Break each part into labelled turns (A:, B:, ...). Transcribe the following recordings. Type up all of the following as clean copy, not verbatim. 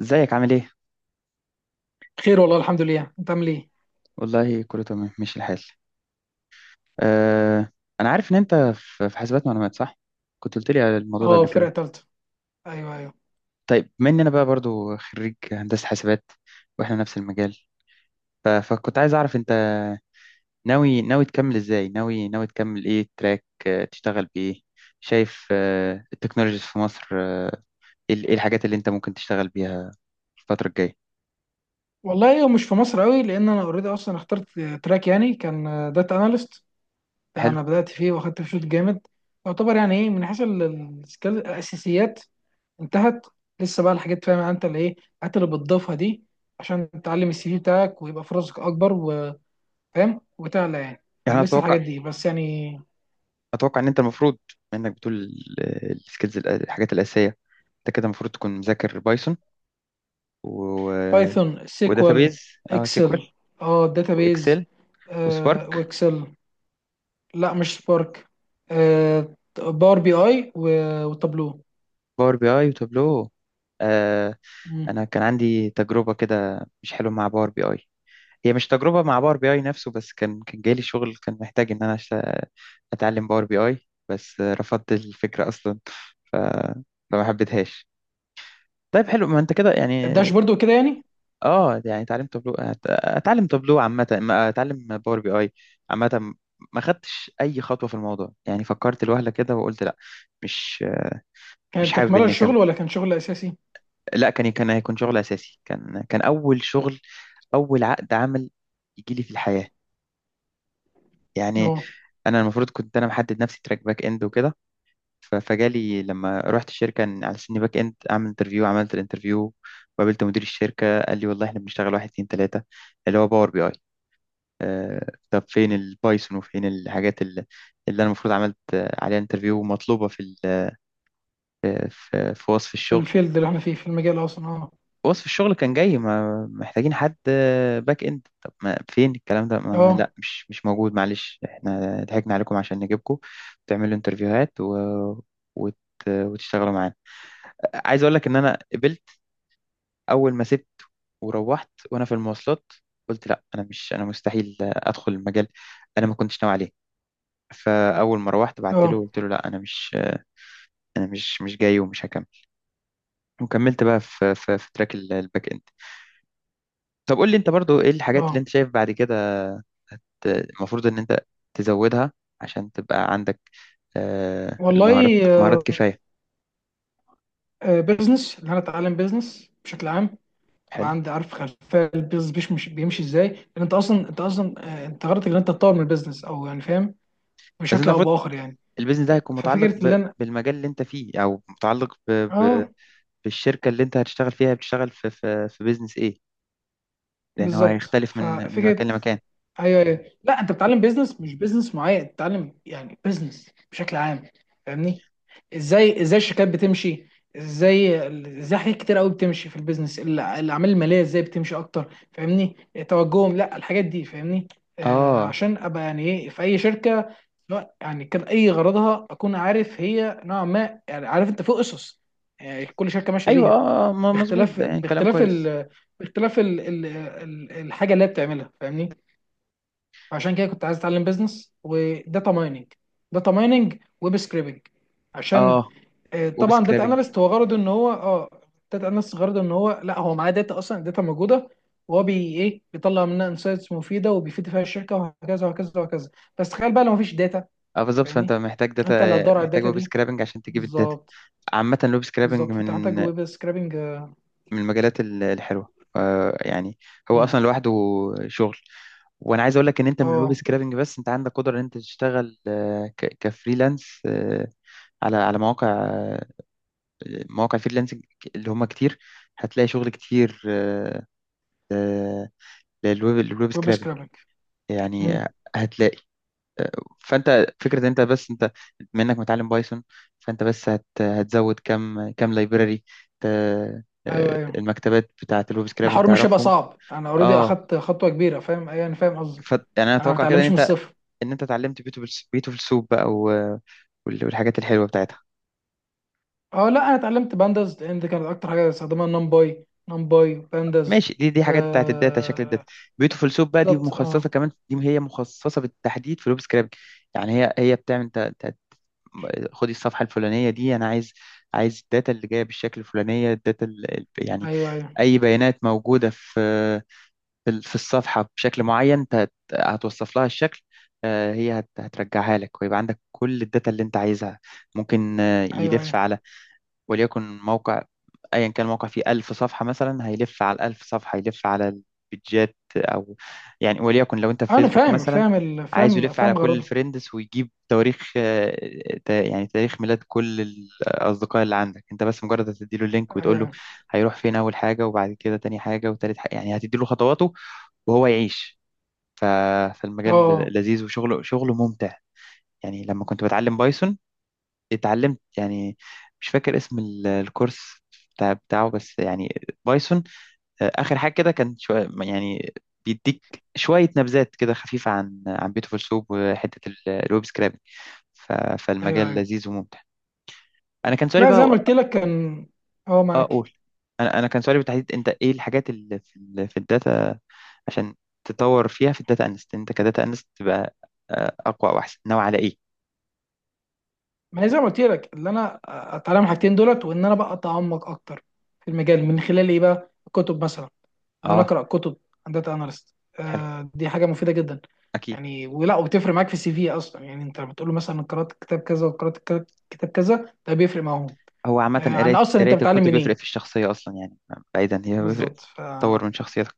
A: ازيك عامل ايه؟
B: خير والله الحمد لله. انت عامل ايه؟
A: والله كله تمام ماشي الحال. أه انا عارف ان انت في حاسبات معلومات صح؟ كنت قلت لي على الموضوع ده
B: اه،
A: قبل
B: فرقه
A: كده.
B: ثالثه. ايوه، ايوه.
A: طيب بما ان انا بقى برضو خريج هندسة حاسبات، واحنا نفس المجال. فكنت عايز اعرف انت ناوي تكمل ازاي؟ ناوي تكمل ايه، تراك تشتغل بايه؟ شايف التكنولوجيز في مصر، ايه إيه الحاجات اللي انت ممكن تشتغل بيها الفترة الجاية؟
B: والله هو مش في مصر قوي، لان انا اوريدي اصلا اخترت تراك يعني، كان داتا اناليست. ده
A: حلو.
B: انا بدات فيه واخدت فيه شوط جامد. يعتبر يعني ايه، من حيث الاساسيات انتهت. لسه بقى الحاجات، فاهم يعني انت، اللي ايه الحاجات اللي بتضيفها دي عشان تعلم السي في بتاعك ويبقى فرصك اكبر، وفاهم وتعلى يعني
A: يعني
B: فلسه
A: اتوقع،
B: الحاجات دي بس يعني.
A: اتوقع ان انت المفروض انك بتقول السكيلز، الحاجات الاساسيه. انت كده المفروض تكون مذاكر بايثون، و
B: بايثون، سيكوال،
A: وداتابيز. اه،
B: اكسل،
A: سيكوال
B: اه داتابيز،
A: واكسل وسبارك،
B: واكسل. لا، مش سبارك. باور بي اي وتابلو.
A: باور بي اي وتابلو. آه.
B: مم.
A: انا كان عندي تجربه كده مش حلوه مع باور بي اي. هي مش تجربه مع باور بي اي نفسه، بس كان جاي لي شغل كان محتاج ان انا اتعلم باور بي اي. بس رفضت الفكره اصلا. ف... فما حبيتهاش. طيب حلو، ما انت كده يعني.
B: الداشبورد وكده يعني.
A: اه يعني اتعلم تابلو، اتعلم تابلو عامة، اتعلم باور بي اي عامة. ما خدتش اي خطوة في الموضوع، يعني فكرت لوهلة كده وقلت لا، مش مش
B: كانت
A: حابب
B: تكملة
A: اني اكمل.
B: للشغل ولا كان شغل أساسي؟
A: لا، كان هيكون شغل اساسي، كان اول شغل، اول عقد عمل يجي لي في الحياة يعني.
B: اه،
A: انا المفروض كنت انا محدد نفسي تراك باك اند وكده. فجالي لما رحت الشركة، على سني باك اند اعمل انترفيو. عملت الانترفيو وقابلت مدير الشركة، قال لي والله احنا بنشتغل واحد اتنين تلاتة، اللي هو باور بي اي. طب فين البايثون وفين الحاجات اللي، اللي انا المفروض عملت عليها انترفيو، ومطلوبه في في وصف
B: في
A: الشغل؟
B: الفيلد اللي احنا فيه في المجال أصلا. اه،
A: وصف الشغل كان جاي ما محتاجين حد باك اند. طب ما فين الكلام ده؟ ما لا،
B: اه،
A: مش موجود. معلش، احنا ضحكنا عليكم عشان نجيبكم تعملوا انترفيوهات و... وت... وتشتغلوا معانا. عايز اقول لك ان انا قبلت. اول ما سبت وروحت وانا في المواصلات، قلت لا انا مش، انا مستحيل ادخل المجال، انا ما كنتش ناوي عليه. فاول ما روحت بعت له
B: اه،
A: قلت له لا انا مش، انا مش جاي ومش هكمل. وكملت بقى في تراك الباك اند. طب قول لي انت برضو ايه الحاجات اللي
B: اه.
A: انت شايف بعد كده المفروض ان انت تزودها، عشان تبقى عندك المهارات،
B: والله،
A: مهارات
B: آه،
A: كفاية.
B: بيزنس، اللي أنا أتعلم بيزنس بشكل عام. أبقى
A: حلو.
B: عندي عارف خلفية البيزنس، بيمشي إزاي، لأن أنت أصلا أنت أصلا. أنت غرضك إن أنت تطور من البيزنس، أو يعني فاهم
A: بس انت
B: بشكل أو
A: المفروض
B: بآخر يعني.
A: البيزنس ده هيكون متعلق
B: ففكرة اللي أنا،
A: بالمجال اللي انت فيه، او متعلق
B: اه
A: بالشركة اللي انت هتشتغل فيها. بتشتغل في بيزنس ايه؟ لان هو
B: بالظبط،
A: هيختلف من
B: ففكرة.
A: مكان لمكان.
B: ايوه، ايوه، لا انت بتتعلم بيزنس، مش بيزنس معين، بتتعلم يعني بيزنس بشكل عام، فاهمني. ازاي ازاي الشركات بتمشي، ازاي ازاي حاجات كتير قوي بتمشي في البيزنس، الاعمال الماليه ازاي بتمشي اكتر، فاهمني توجههم لا الحاجات دي، فاهمني. آه،
A: اه.
B: عشان ابقى يعني ايه، في اي شركه، سواء يعني كان اي غرضها، اكون عارف هي نوعا ما، يعني عارف انت، في اسس يعني كل شركه ماشيه
A: ايوه
B: بيها،
A: اه، مظبوط،
B: باختلاف
A: ده يعني كلام
B: باختلاف
A: كويس.
B: الحاجه اللي هي بتعملها، فاهمني. عشان كده كنت عايز اتعلم بيزنس وداتا مايننج، داتا مايننج، ويب سكريبنج. عشان،
A: اه ويب
B: طبعا داتا
A: سكرابنج.
B: اناليست هو غرضه ان هو، داتا اناليست غرضه ان هو، لا هو معاه داتا اصلا، داتا موجوده، وهو بي ايه بيطلع منها انسايتس مفيده، وبيفيد فيها الشركه، وهكذا وهكذا وهكذا. بس تخيل بقى لو مفيش داتا،
A: اه بالظبط، فانت
B: فاهمني.
A: محتاج داتا،
B: انت اللي هتدور على
A: محتاج
B: الداتا
A: ويب
B: دي،
A: سكرابنج عشان تجيب الداتا.
B: بالظبط.
A: عامة الويب سكرابنج
B: بالظبط، فانت
A: من
B: محتاج ويب سكريبنج، اه.
A: من المجالات الحلوة، يعني. هو
B: مم.
A: اصلا لوحده شغل. وانا عايز اقول لك ان انت من الويب
B: آه،
A: سكرابنج بس، انت عندك قدرة ان انت تشتغل كفريلانس، على مواقع، مواقع فريلانسنج اللي هم كتير. هتلاقي شغل كتير، آه، للويب، للويب
B: ويب
A: سكرابنج
B: سكريبنج.
A: يعني.
B: مم.
A: هتلاقي، فانت فكره ان انت بس انت بما انك متعلم بايثون، فانت بس هتزود كم، كم لايبراري،
B: ايوه، ايوه،
A: المكتبات بتاعه الويب سكرابنج
B: الحوار مش هيبقى
A: تعرفهم.
B: صعب، انا اوريدي
A: اه.
B: اخدت خطوه كبيره، فاهم أيوة، انا فاهم قصدي.
A: ف يعني انا
B: انا ما
A: اتوقع كده ان
B: بتعلمش من
A: انت،
B: الصفر.
A: ان انت اتعلمت بيوتيفول، بيوتيفول سوب بقى والحاجات الحلوه بتاعتها.
B: اه، لا انا اتعلمت بانداز، لان دي كانت اكتر حاجه بستخدمها، نمباي، نمباي بانداز.
A: ماشي، دي حاجات بتاعت الداتا، شكل الداتا.
B: آه
A: بيوتيفول سوب بقى دي
B: بالظبط،
A: مخصصه،
B: اه.
A: كمان دي هي مخصصه بالتحديد في الويب سكرابنج. يعني هي بتعمل خدي الصفحه الفلانيه دي، انا عايز، عايز الداتا اللي جايه بالشكل الفلانيه. الداتا يعني
B: ايوه، ايوه.
A: اي بيانات موجوده في في الصفحه بشكل معين، انت هتوصف لها الشكل، هي هترجعها لك، ويبقى عندك كل الداتا اللي انت عايزها. ممكن
B: ايوه،
A: يلف
B: ايوه.
A: على، وليكن موقع ايا كان الموقع فيه 1000 صفحه مثلا، هيلف على ال 1000 صفحه، هيلف على البيدجات او، يعني وليكن لو انت في
B: انا
A: فيسبوك
B: فاهم
A: مثلا،
B: فاهم
A: عايزه
B: فاهم
A: يلف على
B: فاهم
A: كل
B: غرضها.
A: الفريندز ويجيب تواريخ، يعني تاريخ ميلاد كل الاصدقاء اللي عندك. انت بس مجرد هتديله اللينك
B: ايوه،
A: وتقول له
B: ايوه،
A: هيروح فين اول حاجه، وبعد كده تاني حاجه، وتالت حاجه، يعني هتديله خطواته وهو يعيش. ف-
B: اه،
A: فالمجال لذيذ، شغله ممتع. يعني لما كنت بتعلم بايثون، اتعلمت يعني، مش فاكر اسم الكورس بتاعه، بس يعني بايثون. اخر حاجه كده كان شوية يعني بيديك شويه نبذات كده خفيفه عن بيوتيفول سوب، وحته الويب سكرابنج.
B: ايوه،
A: فالمجال
B: ايوه.
A: لذيذ وممتع. انا كان سؤالي
B: لا زي ما
A: بقى،
B: قلت لك كان، اه
A: اه
B: معاك.
A: اقول، انا كان سؤالي بالتحديد، انت ايه الحاجات اللي في في الداتا عشان تطور فيها، في الداتا انست؟ انت كداتا انست تبقى اقوى واحسن، ناوي على ايه؟
B: ما هي زي ما قلت لك، اللي انا اتعلم الحاجتين دولت وان انا بقى اتعمق اكتر في المجال، من خلال ايه بقى، الكتب مثلا. ان انا
A: اه.
B: اقرا كتب عن داتا اناليست،
A: حلو.
B: آه دي حاجه مفيده جدا.
A: اكيد.
B: يعني، ولا وبتفرق معاك في السي في اصلا؟ يعني انت بتقول له مثلا قرات كتاب كذا وقرات كتاب كذا، ده بيفرق معاهم؟
A: هو عامة
B: آه، عن
A: قراية
B: اصلا انت
A: قراية
B: بتتعلم
A: الكتب بيفرق
B: منين.
A: في الشخصية أصلا يعني. بعيدا هي بيفرق،
B: بالظبط،
A: تطور من شخصيتك.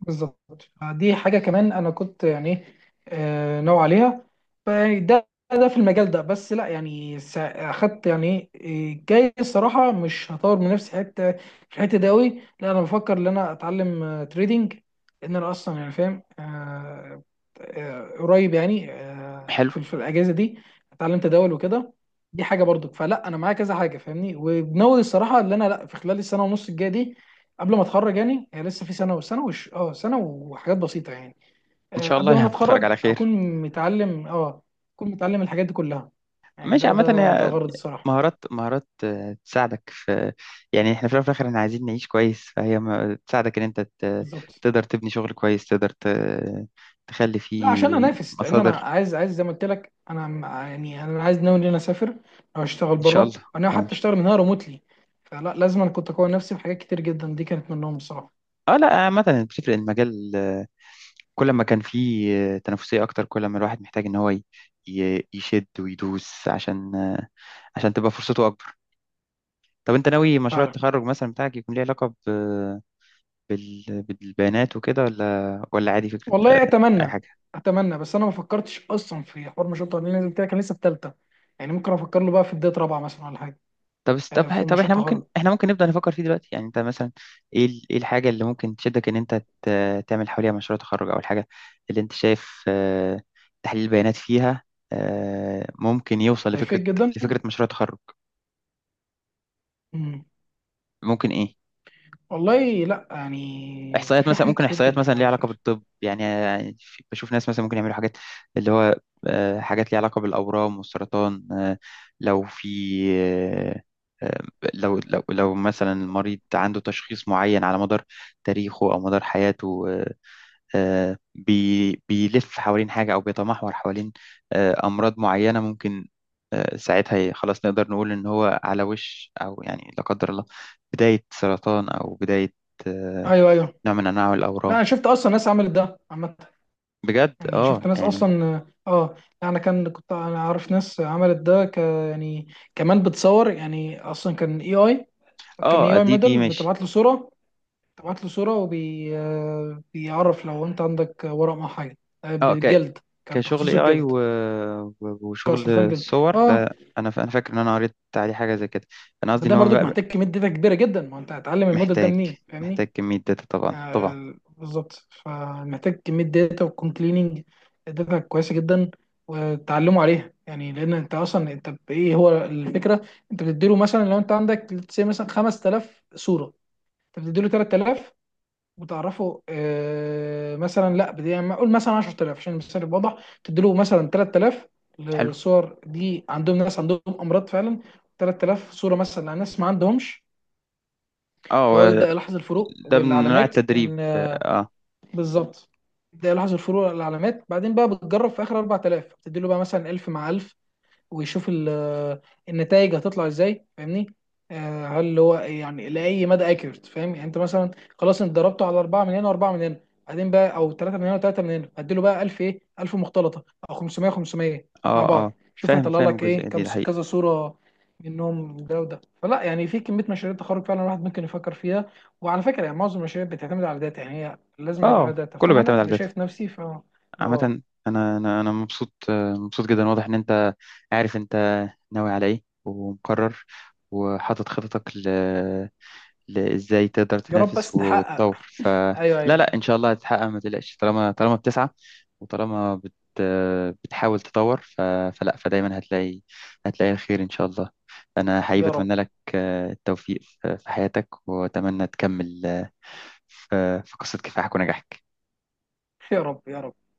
B: بالظبط، دي حاجة كمان أنا كنت يعني ناوي عليها. فيعني ده في المجال ده، بس لا يعني، أخدت يعني إيه، جاي الصراحة مش هطور من نفسي حتة في الحتة دي أوي. لا أنا بفكر إن أنا أتعلم تريدينج، لأن أنا أصلا يعني فاهم، قريب يعني،
A: حلو.
B: في الأجازة دي أتعلم تداول وكده. دي حاجة برضك، فلا أنا معايا كذا حاجة فاهمني، وناوي الصراحة إن أنا لا، في خلال السنة ونص الجاية دي قبل ما اتخرج. يعني هي لسه في سنه، وسنه وش اه سنه وحاجات بسيطه يعني.
A: إن
B: آه،
A: شاء
B: قبل
A: الله
B: ما انا
A: يعني تخرج
B: اتخرج،
A: على خير.
B: متعلم اه اكون متعلم الحاجات دي كلها. يعني
A: ماشي،
B: ده
A: عامة
B: ده ده
A: هي
B: غرض الصراحه.
A: مهارات، مهارات تساعدك في، يعني احنا في الأول وفي الآخر احنا عايزين نعيش كويس. فهي تساعدك إن أنت
B: بالظبط.
A: تقدر تبني شغل كويس، تقدر تخلي
B: لا
A: فيه
B: عشان انافس، لان انا
A: مصادر،
B: عايز، زي ما قلت لك انا، يعني انا عايز ناوي ان انا اسافر او اشتغل
A: إن شاء
B: بره،
A: الله.
B: انا
A: آه، إن
B: حتى
A: شاء-
B: اشتغل من هنا ريموتلي. فلا لازم أنا كنت اقوي نفسي بحاجات كتير جدا، دي كانت منهم الصراحه.
A: اه لا عامة بتفرق. المجال كل ما كان في تنافسية أكتر، كل ما الواحد محتاج إن هو يشد ويدوس، عشان عشان تبقى فرصته أكبر. طب أنت ناوي مشروع
B: فعلا.
A: التخرج مثلا بتاعك يكون ليه علاقة بالبيانات وكده، ولا عادي فكرة
B: والله
A: أي
B: اتمنى،
A: حاجة؟
B: بس انا ما فكرتش اصلا في حوار مشروع التخرج، لأن زي ما قلت لك انا لسه في ثالثه، يعني ممكن افكر له بقى في بدايه رابعه مثلا ولا حاجه. آه،
A: طب
B: في
A: طب
B: مشروع
A: إحنا ممكن،
B: التخرج
A: إحنا ممكن نبدأ نفكر فيه دلوقتي يعني. أنت مثلا إيه إيه الحاجة اللي ممكن تشدك إن أنت تعمل حواليها مشروع تخرج، أو الحاجة اللي أنت شايف تحليل البيانات فيها، ممكن يوصل لفكرة،
B: هيفيد جدا.
A: لفكرة مشروع تخرج.
B: مم.
A: ممكن إيه،
B: والله لا، يعني
A: احصائيات
B: في
A: مثلا،
B: حاجات
A: ممكن
B: كتير
A: احصائيات مثلا
B: جدا
A: ليها
B: على
A: علاقه
B: فكرة.
A: بالطب يعني. يعني بشوف ناس مثلا ممكن يعملوا حاجات، اللي هو حاجات ليها علاقه بالاورام والسرطان. لو في، آه، آه، لو مثلا المريض عنده تشخيص معين على مدار تاريخه او مدار حياته، بيلف حوالين حاجة، أو بيتمحور حوالين أمراض معينة. ممكن ساعتها خلاص نقدر نقول إن هو على وش، أو يعني لا قدر الله بداية سرطان، أو بداية آه،
B: ايوه، ايوه،
A: نوع من أنواع
B: لا
A: الأورام.
B: انا شفت اصلا ناس عملت ده عامة،
A: بجد
B: يعني
A: اه
B: شفت ناس
A: يعني.
B: اصلا، اه. انا كنت انا عارف ناس عملت ده، يعني كمان بتصور، يعني اصلا كان اي، كان اي
A: اه
B: اي
A: دي دي
B: موديل
A: ماشي.
B: بتبعت له صورة، بتبعت له صورة وبي آه، بيعرف لو انت عندك ورق مع حاجة، آه،
A: اه
B: بالجلد. كان
A: كشغل
B: تخصصه
A: AI و...
B: الجلد، كان
A: وشغل
B: سرطان جلد.
A: الصور
B: اه،
A: ده، أنا ف... أنا فاكر إن أنا قريت عليه حاجة زي كده. أنا قصدي إن
B: ده
A: هو
B: برضك
A: بقى
B: محتاج كميه داتا كبيره جدا، ما انت هتعلم الموديل ده
A: محتاج،
B: منين، فاهمني.
A: محتاج كمية داتا طبعا، طبعا.
B: آه بالظبط، فمحتاج كميه داتا، ويكون كليننج داتا كويسه جدا وتعلموا عليها يعني. لان انت اصلا، بايه هو الفكره، انت بتديله مثلا، لو انت عندك say مثلا 5000 صوره، انت بتديله 3000 وتعرفه، آه مثلا لا، بدي يعني اقول مثلا 10000 عشان المثال يبقى واضح، تديله مثلا 3000
A: حلو.
B: لصور دي، عندهم ناس عندهم امراض فعلا، 3000 صوره مثلا لناس ما عندهمش، فهو
A: اه.
B: يبدأ يلاحظ الفروق
A: ده من انواع
B: والعلامات
A: التدريب
B: ان، آه،
A: اه.
B: بالظبط. يبدأ يلاحظ الفروق والعلامات، بعدين بقى بتجرب في اخر 4000، بتدي له بقى مثلا 1000 مع 1000، ويشوف النتائج هتطلع ازاي، فاهمني. آه، هل هو يعني لاي مدى اكيوريت، فاهم يعني، انت مثلا خلاص انت ضربته على اربعه من هنا واربعه من هنا، بعدين بقى او ثلاثه من هنا وثلاثه من هنا، هديله بقى 1000، ايه 1000 مختلطه، او 500 500 مع
A: اه.
B: بعض،
A: اه
B: شوف
A: فاهم،
B: هيطلع
A: فاهم
B: لك
A: الجزئيه
B: ايه كم
A: دي، ده حقيقي.
B: كذا صوره منهم، ده وده. فلا يعني في كميه مشاريع تخرج فعلا الواحد ممكن يفكر فيها، وعلى فكره يعني معظم المشاريع بتعتمد على داتا، يعني هي لازم يبقى لها
A: اه
B: داتا.
A: كله
B: فانا
A: بيعتمد على
B: لا، انا
A: الداتا
B: شايف نفسي ف، اه.
A: عامه. انا مبسوط، مبسوط جدا. واضح ان انت عارف انت ناوي على ايه، ومقرر، وحاطط خططك ازاي تقدر
B: يا رب بس
A: تنافس
B: تحقق.
A: وتطور. فلا،
B: ايوه،
A: لا
B: ايوه.
A: لا، ان شاء الله هتتحقق، ما تقلقش. طالما، طالما بتسعى، وطالما بتحاول تطور، فلا، فدايما هتلاقي، هتلاقي الخير ان شاء الله. انا حقيقي
B: يا رب،
A: بتمنى لك التوفيق في حياتك، واتمنى تكمل في قصة كفاحك ونجاحك.
B: يا رب، يا رب.